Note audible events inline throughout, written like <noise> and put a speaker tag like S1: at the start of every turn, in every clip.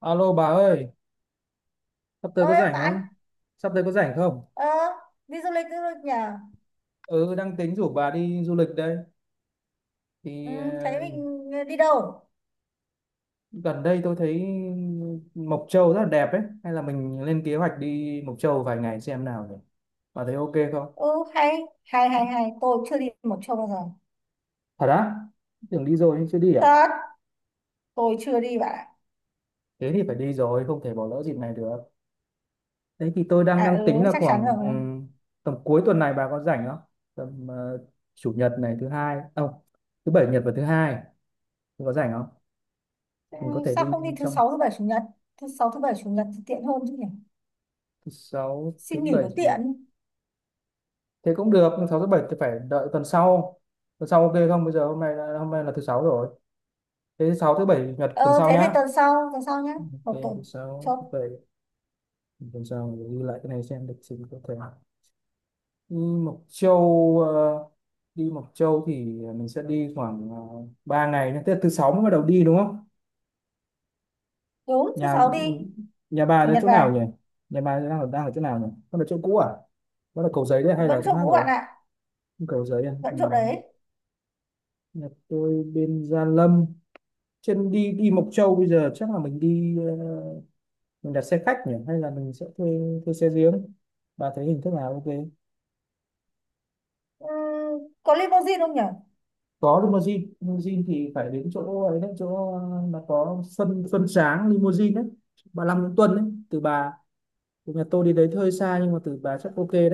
S1: Alo bà ơi, sắp tới có
S2: Ơi
S1: rảnh
S2: bạn.
S1: không? Sắp tới có rảnh không?
S2: ờ, Đi du lịch đi du lịch nhờ.
S1: Ừ, đang tính rủ bà đi du lịch đây.
S2: Ừ,
S1: Thì
S2: thấy mình đi đâu.
S1: gần đây tôi thấy Mộc Châu rất là đẹp ấy. Hay là mình lên kế hoạch đi Mộc Châu vài ngày xem nào nhỉ? Bà thấy ok không?
S2: Ừ, hay hay hay hay, tôi chưa đi một chỗ bao giờ.
S1: Thật á? Tưởng đi rồi nhưng chưa đi à?
S2: Thật, tôi chưa đi bạn ạ.
S1: Thế thì phải đi rồi, không thể bỏ lỡ dịp này được. Thế thì tôi đang
S2: À,
S1: đang
S2: ừ,
S1: tính là
S2: chắc chắn
S1: khoảng
S2: rồi.
S1: tầm cuối tuần này bà có rảnh không? Tầm chủ nhật này thứ hai, không, thứ bảy nhật và thứ hai, bà có rảnh không?
S2: Ừ,
S1: Mình có thể
S2: sao
S1: đi
S2: không đi thứ
S1: trong
S2: sáu thứ bảy chủ nhật? Thứ sáu thứ bảy chủ nhật thì tiện hơn chứ nhỉ?
S1: sáu thứ
S2: Xin nghỉ
S1: bảy
S2: nó
S1: chủ nhật.
S2: tiện.
S1: Thế cũng được nhưng sáu thứ bảy thì phải đợi tuần sau. Tuần sau ok không? Bây giờ hôm nay là thứ sáu rồi. Thế sáu thứ bảy chủ nhật
S2: Ờ
S1: tuần sau
S2: thế thì
S1: nhá.
S2: tuần sau nhé. Một
S1: Ok, thứ
S2: tuần.
S1: sáu thứ
S2: Chốt.
S1: bảy tuần sau. Mình ghi lại cái này xem lịch trình, có thể đi Mộc Châu, đi Mộc Châu thì mình sẽ đi khoảng 3 ngày nhé. Tức là thứ sáu mới bắt đầu đi đúng không?
S2: Đúng, thứ
S1: nhà
S2: sáu đi.
S1: nhà bà
S2: Chủ
S1: ở
S2: nhật
S1: chỗ
S2: về.
S1: nào nhỉ? Nhà bà đang ở chỗ nào nhỉ? Con ở chỗ cũ à? Đó là Cầu Giấy đấy hay là
S2: Vẫn
S1: chỗ
S2: chỗ
S1: khác
S2: cũ
S1: rồi?
S2: bạn ạ.
S1: Cầu Giấy à?
S2: Vẫn
S1: Ừ.
S2: chỗ đấy.
S1: Nhà tôi bên Gia Lâm. Trên đi đi Mộc Châu bây giờ chắc là mình đi, mình đặt xe khách nhỉ hay là mình sẽ thuê thuê xe riêng. Bà thấy hình thức nào ok?
S2: Ừ, có limousine không nhỉ?
S1: Có limousine, limousine thì phải đến chỗ ấy đấy, chỗ mà có Xuân Xuân Sáng limousine đấy. Bà Long Nguyễn Tuân đấy, từ nhà tôi đi đấy hơi xa nhưng mà từ bà chắc ok đấy.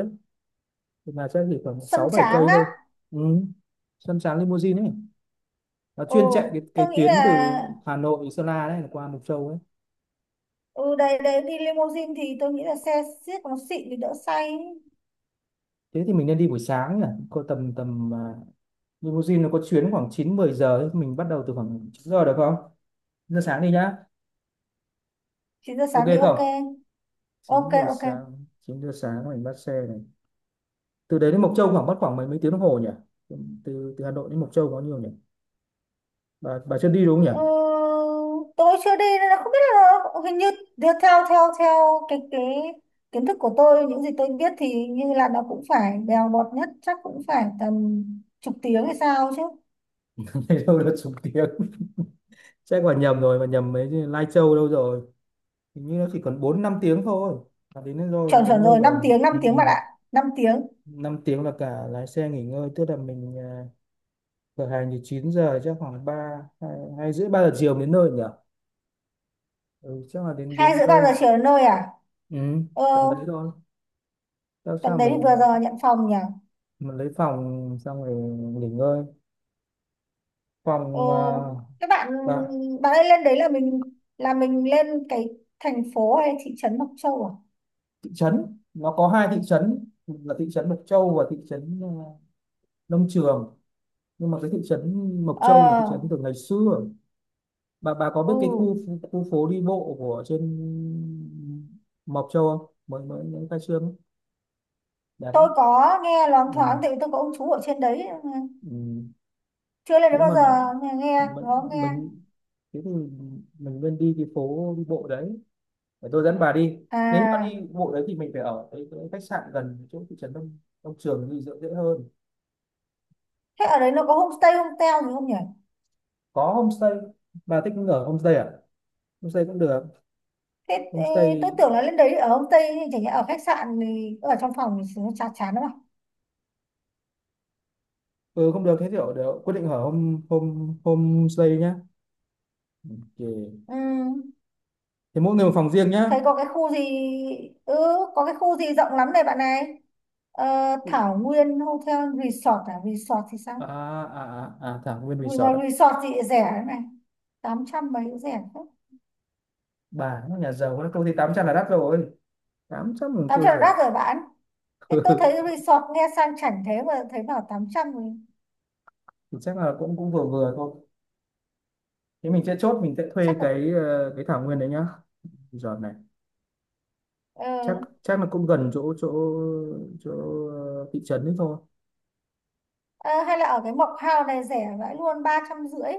S1: Từ bà chắc chỉ khoảng
S2: Sân
S1: 6 7
S2: tráng
S1: cây
S2: á?
S1: thôi. Ừ. Xuân Sáng limousine ấy. Nó
S2: Ừ,
S1: chuyên chạy cái
S2: tôi nghĩ
S1: tuyến
S2: là
S1: từ Hà Nội Sơn La đấy qua Mộc Châu ấy.
S2: ừ đấy đấy, đi limousine thì tôi nghĩ là xe xiếc nó xịn thì đỡ say ấy.
S1: Thế thì mình nên đi buổi sáng nhỉ, có tầm tầm à, limousine nó có chuyến khoảng 9-10 giờ ấy. Mình bắt đầu từ khoảng 9 giờ được không? 9 giờ sáng đi nhá.
S2: chín giờ
S1: Ok
S2: sáng đi,
S1: không?
S2: ok
S1: Chín
S2: ok
S1: giờ
S2: ok.
S1: sáng chín giờ sáng mình bắt xe này. Từ đấy đến Mộc Châu khoảng mất khoảng mấy mấy tiếng đồng hồ nhỉ? Từ từ Hà Nội đến Mộc Châu có nhiều nhỉ? Bà chưa đi đúng không nhỉ?
S2: Ừ, tôi chưa đi nên là không biết, là hình như theo theo theo theo cái kiến thức của tôi, những gì tôi biết thì như là nó cũng phải bèo bọt nhất chắc cũng phải tầm chục tiếng hay sao chứ.
S1: <laughs> Thấy đâu là chục tiếng. <laughs> Chắc bà nhầm rồi, bà nhầm mấy cái Lai Châu đâu rồi. Hình như nó chỉ còn 4-5 tiếng thôi là đến nơi rồi,
S2: Chuẩn,
S1: đến
S2: chuẩn
S1: nơi
S2: rồi, 5
S1: rồi.
S2: tiếng năm
S1: Ừ,
S2: tiếng bạn
S1: ừ.
S2: ạ. 5 tiếng.
S1: 5 tiếng là cả lái xe nghỉ ngơi. Tức là mình, khởi hành thì 9 giờ, chắc khoảng ba hai hay rưỡi 3 giờ chiều đến nơi nhỉ? Ừ, chắc là đến
S2: hai
S1: đến
S2: rưỡi ba
S1: nơi.
S2: giờ chiều đến nơi à?
S1: Ừ,
S2: Ờ,
S1: tầm đấy thôi. Sao
S2: tầm
S1: sao
S2: đấy thì vừa
S1: mình
S2: giờ nhận phòng nhỉ.
S1: mình lấy phòng xong rồi nghỉ ngơi. Phòng à,
S2: Ồ, các bạn,
S1: bạn.
S2: bạn ấy lên đấy là mình, lên cái thành phố hay thị trấn Mộc Châu à?
S1: Thị trấn nó có hai thị trấn là thị trấn Mộc Châu và thị trấn, Nông Trường. Nhưng mà cái thị trấn Mộc Châu là thị
S2: Ờ,
S1: trấn từ ngày xưa. Bà có
S2: ừ,
S1: biết cái khu khu phố đi bộ của trên Mộc Châu không? Mới mới những khai trương ấy. Đẹp
S2: tôi
S1: lắm.
S2: có nghe loáng
S1: Ừ.
S2: thoáng tại vì tôi có ông chú ở trên đấy,
S1: Ừ.
S2: chưa lên đấy
S1: Nếu
S2: bao
S1: mà
S2: giờ. Nghe nghe,
S1: mình,
S2: có nghe.
S1: mình thế thì mình nên đi cái phố đi bộ đấy, để tôi dẫn bà đi. Nếu mà đi
S2: À,
S1: bộ đấy thì mình phải ở cái khách sạn gần chỗ thị trấn Đông Đông Trường thì dễ dễ hơn.
S2: thế ở đấy nó có homestay hotel gì không nhỉ?
S1: Có homestay. Bà thích ở homestay à? Homestay cũng được.
S2: Thế, thế tôi
S1: Homestay.
S2: tưởng là lên đấy ở homestay. Chẳng nhẽ ở khách sạn thì ở trong phòng thì nó chán chán lắm à?
S1: Ừ, không được, thế thì ở, để quyết định ở home home homestay nhá. Ok.
S2: Ừ.
S1: Thế mỗi người một phòng riêng nhá.
S2: Thấy có cái khu gì, ừ, có cái khu gì rộng lắm này bạn này. Ờ, Thảo Nguyên Hotel Resort à, resort thì sao?
S1: À à à, à thảo nguyên
S2: Vì
S1: resort
S2: mà
S1: à?
S2: resort thì rẻ đấy này, 800 mấy cũng rẻ thế.
S1: Bà nó nhà giàu nó công ty 800 là đắt rồi, 800 mình
S2: tám
S1: kêu
S2: trăm là
S1: rẻ.
S2: đắt rồi bạn. Thế tôi thấy
S1: <laughs>
S2: resort nghe sang chảnh thế mà thấy bảo 800 thì
S1: Thì chắc là cũng cũng vừa vừa thôi. Thế mình sẽ chốt, mình sẽ thuê
S2: chắc là
S1: cái thảo nguyên đấy nhá. Giờ này
S2: ờ,
S1: chắc chắc là cũng gần chỗ chỗ chỗ ờ, thị trấn đấy thôi.
S2: ờ, hay là ở cái Mộc Hào này rẻ vãi luôn, 350.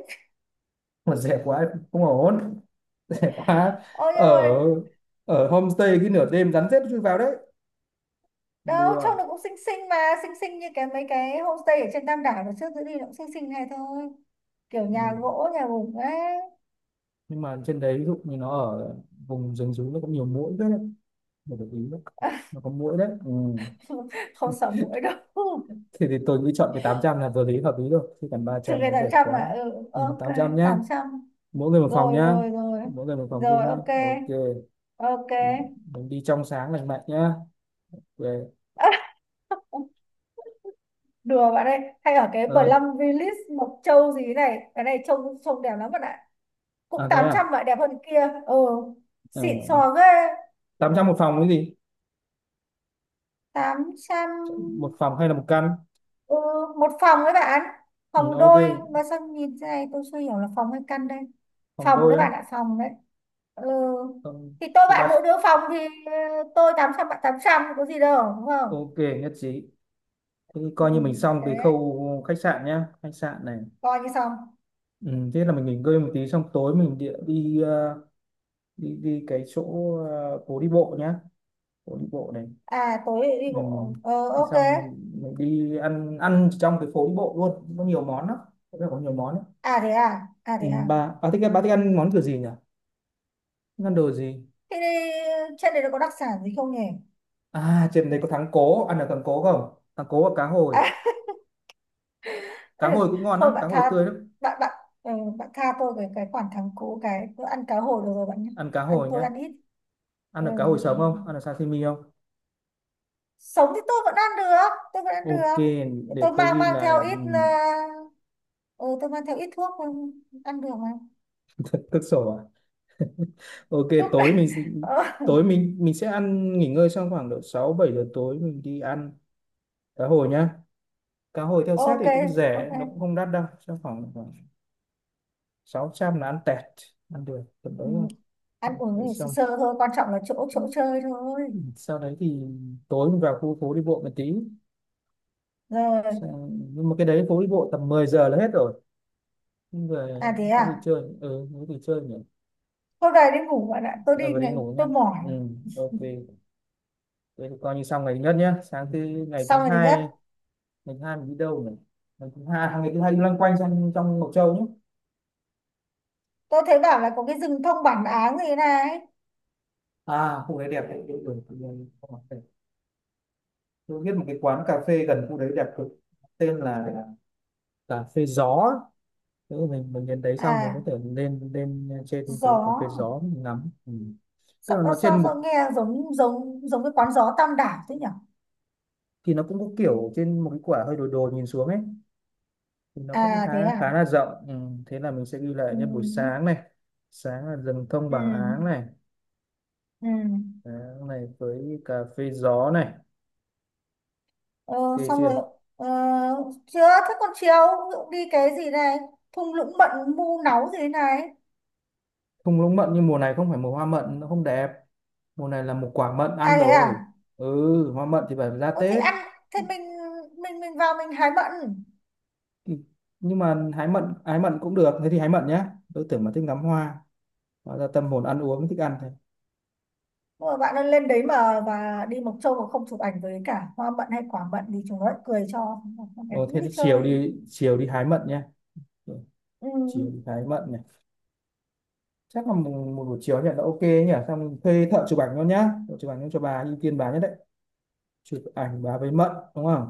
S1: Mà rẻ quá cũng không ổn. <laughs> Rẻ quá.
S2: Ôi nhưng
S1: ở
S2: mà
S1: ở homestay cái nửa đêm rắn rết nó chui vào đấy.
S2: đâu
S1: Đùa.
S2: trông nó cũng xinh xinh mà. Xinh xinh như cái mấy cái homestay ở trên Tam Đảo nó trước giữ đi, nó cũng xinh xinh này thôi, kiểu
S1: Ừ.
S2: nhà gỗ nhà bụng ấy.
S1: Nhưng mà trên đấy ví dụ như nó ở vùng rừng rú nó cũng nhiều muỗi đấy. Phải để ý đấy. Nó có muỗi đấy. Ừ.
S2: <laughs> Không sợ muỗi đâu. <laughs>
S1: thì tôi nghĩ chọn cái 800 là vừa lý hợp lý rồi, chứ còn ba
S2: Trừ
S1: trăm
S2: cái
S1: nó
S2: tám
S1: rẻ
S2: trăm mà,
S1: quá.
S2: ừ,
S1: Ừ,
S2: ok,
S1: 800 nhá.
S2: 800.
S1: Mỗi người một phòng
S2: Rồi
S1: nhá.
S2: rồi rồi.
S1: Mỗi người một phòng
S2: Rồi
S1: riêng nhá.
S2: ok.
S1: Ok.
S2: Ok.
S1: Mình đi trong sáng lành mạnh nhá. Về.
S2: <laughs> Đùa bạn ơi, hay ở cái
S1: ờ,
S2: Plum Village Mộc Châu gì này, cái này trông, đẹp lắm bạn ạ, cũng
S1: À thế
S2: 800
S1: à?
S2: vậy, đẹp hơn kia. Ừ,
S1: ờ,
S2: xịn sò ghê.
S1: 800 một phòng cái gì?
S2: 800.
S1: Một phòng hay là một căn?
S2: Ừ, một phòng đấy bạn,
S1: Ừ,
S2: phòng
S1: ok.
S2: đôi. Mà sao nhìn thế này tôi chưa hiểu là phòng hay căn đây.
S1: Phòng
S2: Phòng
S1: đôi
S2: đấy
S1: á?
S2: bạn ạ, phòng đấy. Ừ.
S1: Phòng
S2: Thì tôi
S1: thứ ba.
S2: bạn mỗi đứa phòng thì ờ, tôi 800, bạn 800, có gì đâu đúng không.
S1: Ok, nhất trí. Thế thì
S2: Ừ.
S1: coi như mình xong cái
S2: Thế
S1: khâu khách sạn nhá, khách sạn này.
S2: coi như xong.
S1: Ừ, thế là mình nghỉ ngơi một tí xong tối mình địa đi, đi cái chỗ, phố đi bộ nhá. Phố đi bộ này.
S2: À tối đi
S1: Ừ.
S2: bộ, ok.
S1: Xong mình đi ăn ăn trong cái phố đi bộ luôn, có nhiều món lắm. Chỗ này có nhiều món lắm.
S2: À thế à, à
S1: Ừ,
S2: thế à.
S1: bà thích ăn món kiểu gì nhỉ? Thích ăn đồ gì?
S2: Thế đi, trên đấy nó có đặc sản gì không nhỉ?
S1: À trên đấy có thắng cố, ăn được thắng cố không? Thắng cố và cá hồi.
S2: À, <laughs> ừ.
S1: Cá hồi cũng ngon
S2: Thôi
S1: lắm, cá
S2: bạn
S1: hồi
S2: tha,
S1: tươi lắm.
S2: bạn bạn, ừ, bạn tha tôi cái khoản thắng cú cái bữa ăn cá hồi được rồi bạn nhé.
S1: Ăn cá
S2: Ăn,
S1: hồi
S2: tôi
S1: nhá.
S2: ăn ít.
S1: Ăn
S2: Ừ.
S1: được
S2: Ừ,
S1: cá hồi sống
S2: ừ.
S1: không, ăn được sashimi không?
S2: Sống thì tôi vẫn ăn được, tôi vẫn ăn
S1: Ok,
S2: được.
S1: để
S2: Tôi
S1: tôi
S2: mang
S1: ghi
S2: mang
S1: lại.
S2: theo ít
S1: Ừ.
S2: ừ, tôi mang theo ít thuốc, ừ, ăn được mà.
S1: Thực sổ à? <laughs> Ok.
S2: Thuốc. <laughs>
S1: tối mình
S2: Ờ,
S1: tối mình mình sẽ ăn nghỉ ngơi xong khoảng độ 6-7 giờ tối mình đi ăn cá hồi nhá. Cá hồi theo set
S2: ok
S1: thì cũng
S2: ok.
S1: rẻ, nó cũng không đắt đâu, chắc khoảng khoảng 600 là ăn tẹt. Ăn được tầm đấy
S2: Ừ.
S1: thôi.
S2: Ăn uống
S1: Để
S2: thì sơ
S1: xong.
S2: sơ thôi, quan trọng là chỗ chỗ chơi thôi.
S1: Ừ, sau đấy thì tối mình vào khu phố đi bộ một tí.
S2: Rồi.
S1: Nhưng mà cái đấy phố đi bộ tầm 10 giờ là hết rồi. Nhưng về
S2: À thế
S1: có gì
S2: à.
S1: chơi, ừ, có gì chơi nhỉ?
S2: Hôm nay đi ngủ bạn ạ,
S1: Ờ, Về đi ngủ
S2: tôi
S1: nha.
S2: mỏi.
S1: Ừ, ok. Thế thì coi như xong ngày thứ nhất nhá. Sáng thứ Ngày thứ
S2: Xong rồi thứ nhất.
S1: hai. Ngày thứ hai mình đi đâu nhỉ? Ngày thứ hai đi loanh quanh trong trong Mộc Châu nhé.
S2: Tôi thấy bảo là có cái rừng thông bản áng gì này.
S1: À khu đấy đẹp đấy. Ừ, ừ, ừ. Tôi biết một cái quán cà phê gần khu đấy đẹp cực, tên là cà phê gió. Nếu mình đến đấy xong mình
S2: À,
S1: có thể lên lên trên cái cà phê
S2: gió.
S1: gió mình ngắm. Ừ. Tức
S2: Sao,
S1: là nó
S2: sao,
S1: trên
S2: sao
S1: một,
S2: nghe giống, giống giống cái quán gió Tam Đảo thế nhỉ?
S1: thì nó cũng có kiểu trên một cái quả hơi đồi, nhìn xuống ấy. Thì nó cũng
S2: À
S1: khá,
S2: thế à.
S1: là rộng. Ừ. Thế là mình sẽ ghi lại
S2: Ừ.
S1: như buổi sáng này. Sáng là rừng thông
S2: Ừ.
S1: bảng áng này,
S2: Ừ.
S1: Áng này với cà phê gió này.
S2: Ờ,
S1: Kê
S2: xong
S1: chưa?
S2: rồi. Ờ, chưa. Thế còn chiều, ví dụ đi cái gì này, thung lũng mận mu náu gì này.
S1: Thung lũng mận nhưng mùa này không phải mùa hoa mận, nó không đẹp. Mùa này là một quả mận
S2: À
S1: ăn
S2: thế
S1: rồi.
S2: à.
S1: Ừ, hoa mận thì phải ra
S2: Ủa thì
S1: Tết.
S2: ăn, thế mình, mình vào mình hái mận.
S1: Ừ, nhưng mà hái mận cũng được, thế thì hái mận nhá. Tôi tưởng mà thích ngắm hoa, hóa ra tâm hồn ăn uống thích ăn thôi.
S2: Nhưng mà bạn ơi, lên đấy mà và đi Mộc Châu mà không chụp ảnh với cả hoa mận hay quả mận thì chúng nó lại cười cho con bé
S1: Ồ,
S2: cứ
S1: thế
S2: đi
S1: thì
S2: chơi.
S1: chiều đi hái mận nhá. Ừ,
S2: Ừ.
S1: chiều đi hái mận này. Chắc là một buổi chiều nhận là ok nhỉ? Xong mình thuê thợ chụp ảnh luôn nhá, thợ chụp ảnh cho bà ưu tiên bà nhất đấy. Chụp ảnh bà với mận đúng không?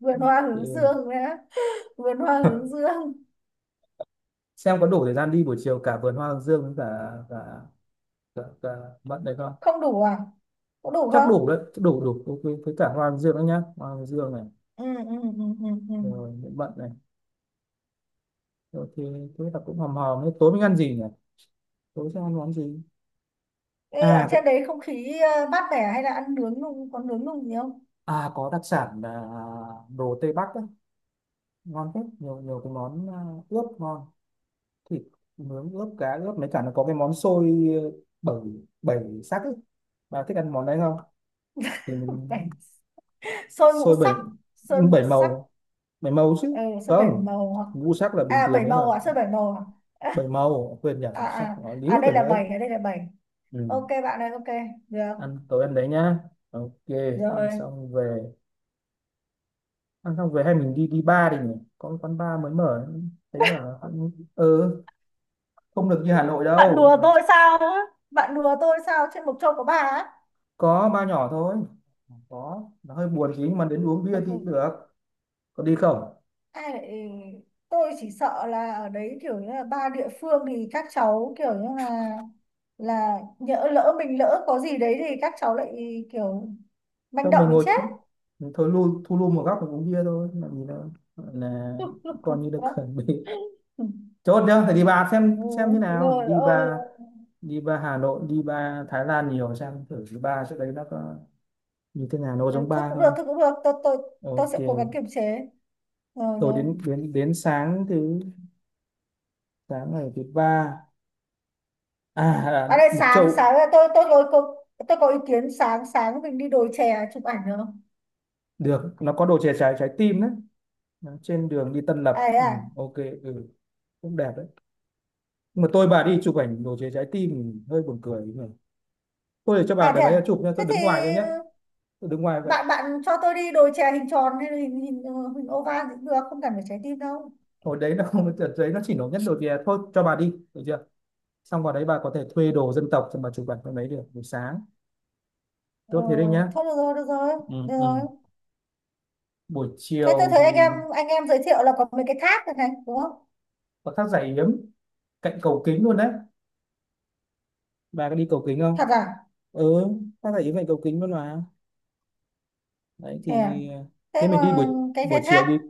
S2: Vườn hoa hướng
S1: Ừ.
S2: dương nữa. <laughs> Vườn hoa hướng dương.
S1: Xem có đủ thời gian đi buổi chiều cả vườn hoa hướng dương với cả cả mận đấy không.
S2: Không đủ à? Có đủ
S1: Chắc
S2: không?
S1: đủ đấy, chắc đủ đủ ok với cả hoa hướng dương đấy nhá, hoa hướng dương này.
S2: Ừ, ừ, ừ, ừ, ừ.
S1: Rồi mận này. Rồi thì thế là cũng hòm hòm. Thế tối mình ăn gì nhỉ? Tối sẽ ăn món gì?
S2: Ê, ở
S1: à có-
S2: trên đấy không khí mát mẻ, hay là ăn nướng nung, có nướng nung gì không?
S1: à có đặc sản là đồ Tây Bắc á, ngon hết. Nhiều nhiều cái món, ướp ngon. Thịt nướng ướp cá ướp mấy cả nó có cái món xôi, bảy bảy sắc ấy. Bà thích ăn món đấy không? Thì mình.
S2: Bảy- Sơn ngũ
S1: Xôi bảy
S2: sắc. Sơn ngũ
S1: bảy
S2: sắc.
S1: màu. Bảy màu chứ
S2: Ừ, sơn bảy
S1: không,
S2: màu hoặc
S1: ngũ sắc là bình
S2: à
S1: thường
S2: bảy
S1: đấy là.
S2: màu à, sơn 7 màu à.
S1: Bảy màu quên nhỉ,
S2: <laughs>
S1: ngũ sắc nó
S2: À
S1: líu cả
S2: đây là
S1: nữa ấy.
S2: bảy, à đây là bảy. Ok
S1: Ừ.
S2: bạn ơi, ok. Được
S1: Ăn tối ăn đấy nhá. Ok. Ăn
S2: rồi.
S1: xong về. Ăn xong về hay mình đi đi bar đi nhỉ, có cái quán bar mới mở. Thấy
S2: <laughs>
S1: bảo cũng ừ, không được như Hà Nội
S2: Bạn
S1: đâu.
S2: đùa
S1: Mà
S2: tôi sao á? Bạn đùa tôi sao trên Mộc Châu có bà á?
S1: có bar nhỏ thôi, có nó hơi buồn tí nhưng mà đến uống bia
S2: Thôi
S1: thì
S2: thôi.
S1: cũng được. Có đi không?
S2: Ai lại, ừ, tôi chỉ sợ là ở đấy kiểu như là ba địa phương thì các cháu kiểu như là nhỡ lỡ mình lỡ có gì đấy thì các cháu lại kiểu manh
S1: Xong
S2: động
S1: mình ngồi.
S2: thì chết.
S1: Mình thôi lui, thu lui một góc mình uống bia thôi, làm gì đâu. Gọi là coi như được
S2: <laughs>
S1: chuẩn bị, chốt nhá. Phải đi bar
S2: Ừ,
S1: xem như nào.
S2: rồi,
S1: Đi
S2: ôi,
S1: bar, đi bar Hà Nội, đi bar Thái Lan nhiều, xem thử cái bar chỗ đấy nó có như thế nào, nó có
S2: ừ,
S1: giống
S2: thôi
S1: bar
S2: cũng được,
S1: không.
S2: thôi cũng được, tôi tôi sẽ cố gắng
S1: Ok.
S2: kiềm chế. Rồi
S1: Rồi
S2: rồi.
S1: đến đến đến sáng ngày thứ ba.
S2: Bạn
S1: À,
S2: ơi
S1: Mộc
S2: sáng
S1: Châu.
S2: sáng là tôi tôi có ý kiến, sáng sáng mình đi đồi chè chụp ảnh được không?
S1: Được, nó có đồ chè trái trái tim đấy, trên đường đi Tân
S2: À,
S1: Lập.
S2: thế
S1: Ừ,
S2: à.
S1: ok. Ừ, cũng đẹp đấy. Nhưng mà tôi bà đi chụp ảnh đồ chè trái tim thì hơi buồn cười nhỉ. Tôi để cho bà
S2: À
S1: để
S2: thế
S1: đấy
S2: à,
S1: chụp nha,
S2: thế
S1: tôi
S2: thì
S1: đứng ngoài thôi nhé.
S2: ừ,
S1: Tôi đứng ngoài vậy.
S2: bạn bạn cho tôi đi đồ chè hình tròn hay là hình hình, hình oval thì cũng được, không cần phải trái tim đâu.
S1: Hồi đấy nó không, đợt đấy nó chỉ nổi nhất đồ chè thôi, cho bà đi được chưa. Xong vào đấy bà có thể thuê đồ dân tộc cho bà chụp ảnh con đấy được, buổi sáng
S2: Ờ,
S1: tốt thế đấy nhá.
S2: thôi được rồi, được rồi,
S1: Ừ,
S2: được
S1: ừ.
S2: rồi.
S1: Buổi
S2: Thế tôi
S1: chiều
S2: thấy
S1: thì
S2: anh em giới thiệu là có mấy cái thác này này đúng không?
S1: có thác Giải Yếm cạnh cầu kính luôn đấy. Bà có đi cầu kính
S2: Thật
S1: không?
S2: à.
S1: Ừ, ta thấy vậy cầu kính luôn mà. Đấy
S2: Chè.
S1: thì
S2: Thế
S1: thế mình đi buổi
S2: còn cái
S1: buổi chiều
S2: thác.
S1: đi.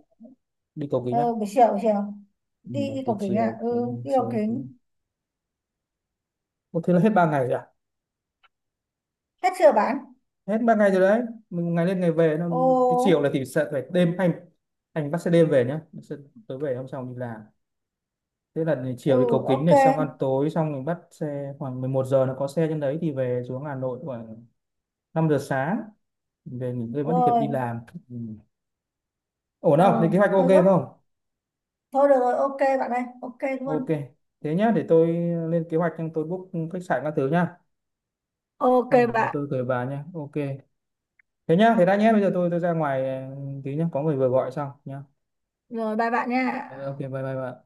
S1: Đi cầu kính à?
S2: Ờ, buổi chiều, buổi chiều,
S1: Ừ,
S2: đi,
S1: đấy, buổi
S2: cầu kính à?
S1: chiều
S2: Ừ,
S1: cũng
S2: đi cầu
S1: chiều
S2: kính.
S1: cũng-. Ủa, thế là hết 3 ngày rồi à?
S2: Hết chưa, bán.
S1: Hết ba ngày rồi đấy. Mình ngày lên ngày về nó
S2: Ồ.
S1: cái chiều là thì sẽ phải đêm, anh bắt xe đêm về nhá. Bắt xe tối về hôm sau mình đi làm. Thế là ngày
S2: Ừ,
S1: chiều đi cầu kính
S2: ok.
S1: này xong ăn tối xong mình bắt xe khoảng 11 giờ, nó có xe trên đấy thì về xuống Hà Nội khoảng 5 giờ sáng, về nghỉ ngơi vẫn kịp đi
S2: Rồi.
S1: làm. Ừ. Ổn
S2: Ừ,
S1: không, thì kế hoạch ok
S2: hơi gấp.
S1: không?
S2: Thôi được rồi, ok bạn ơi, ok
S1: Ok,
S2: luôn.
S1: thế nhá, để tôi lên kế hoạch, nhưng tôi book khách sạn các thứ nhá.
S2: Ok
S1: Xong rồi rồi
S2: bạn.
S1: tôi gửi bà nhá. Ok. Thế nhá, thế đã nhé, bây giờ tôi ra ngoài ừ, tí nhá, có người vừa gọi xong nhá.
S2: Rồi, bye bạn nha.
S1: Ờ, Ok, bye bye bà.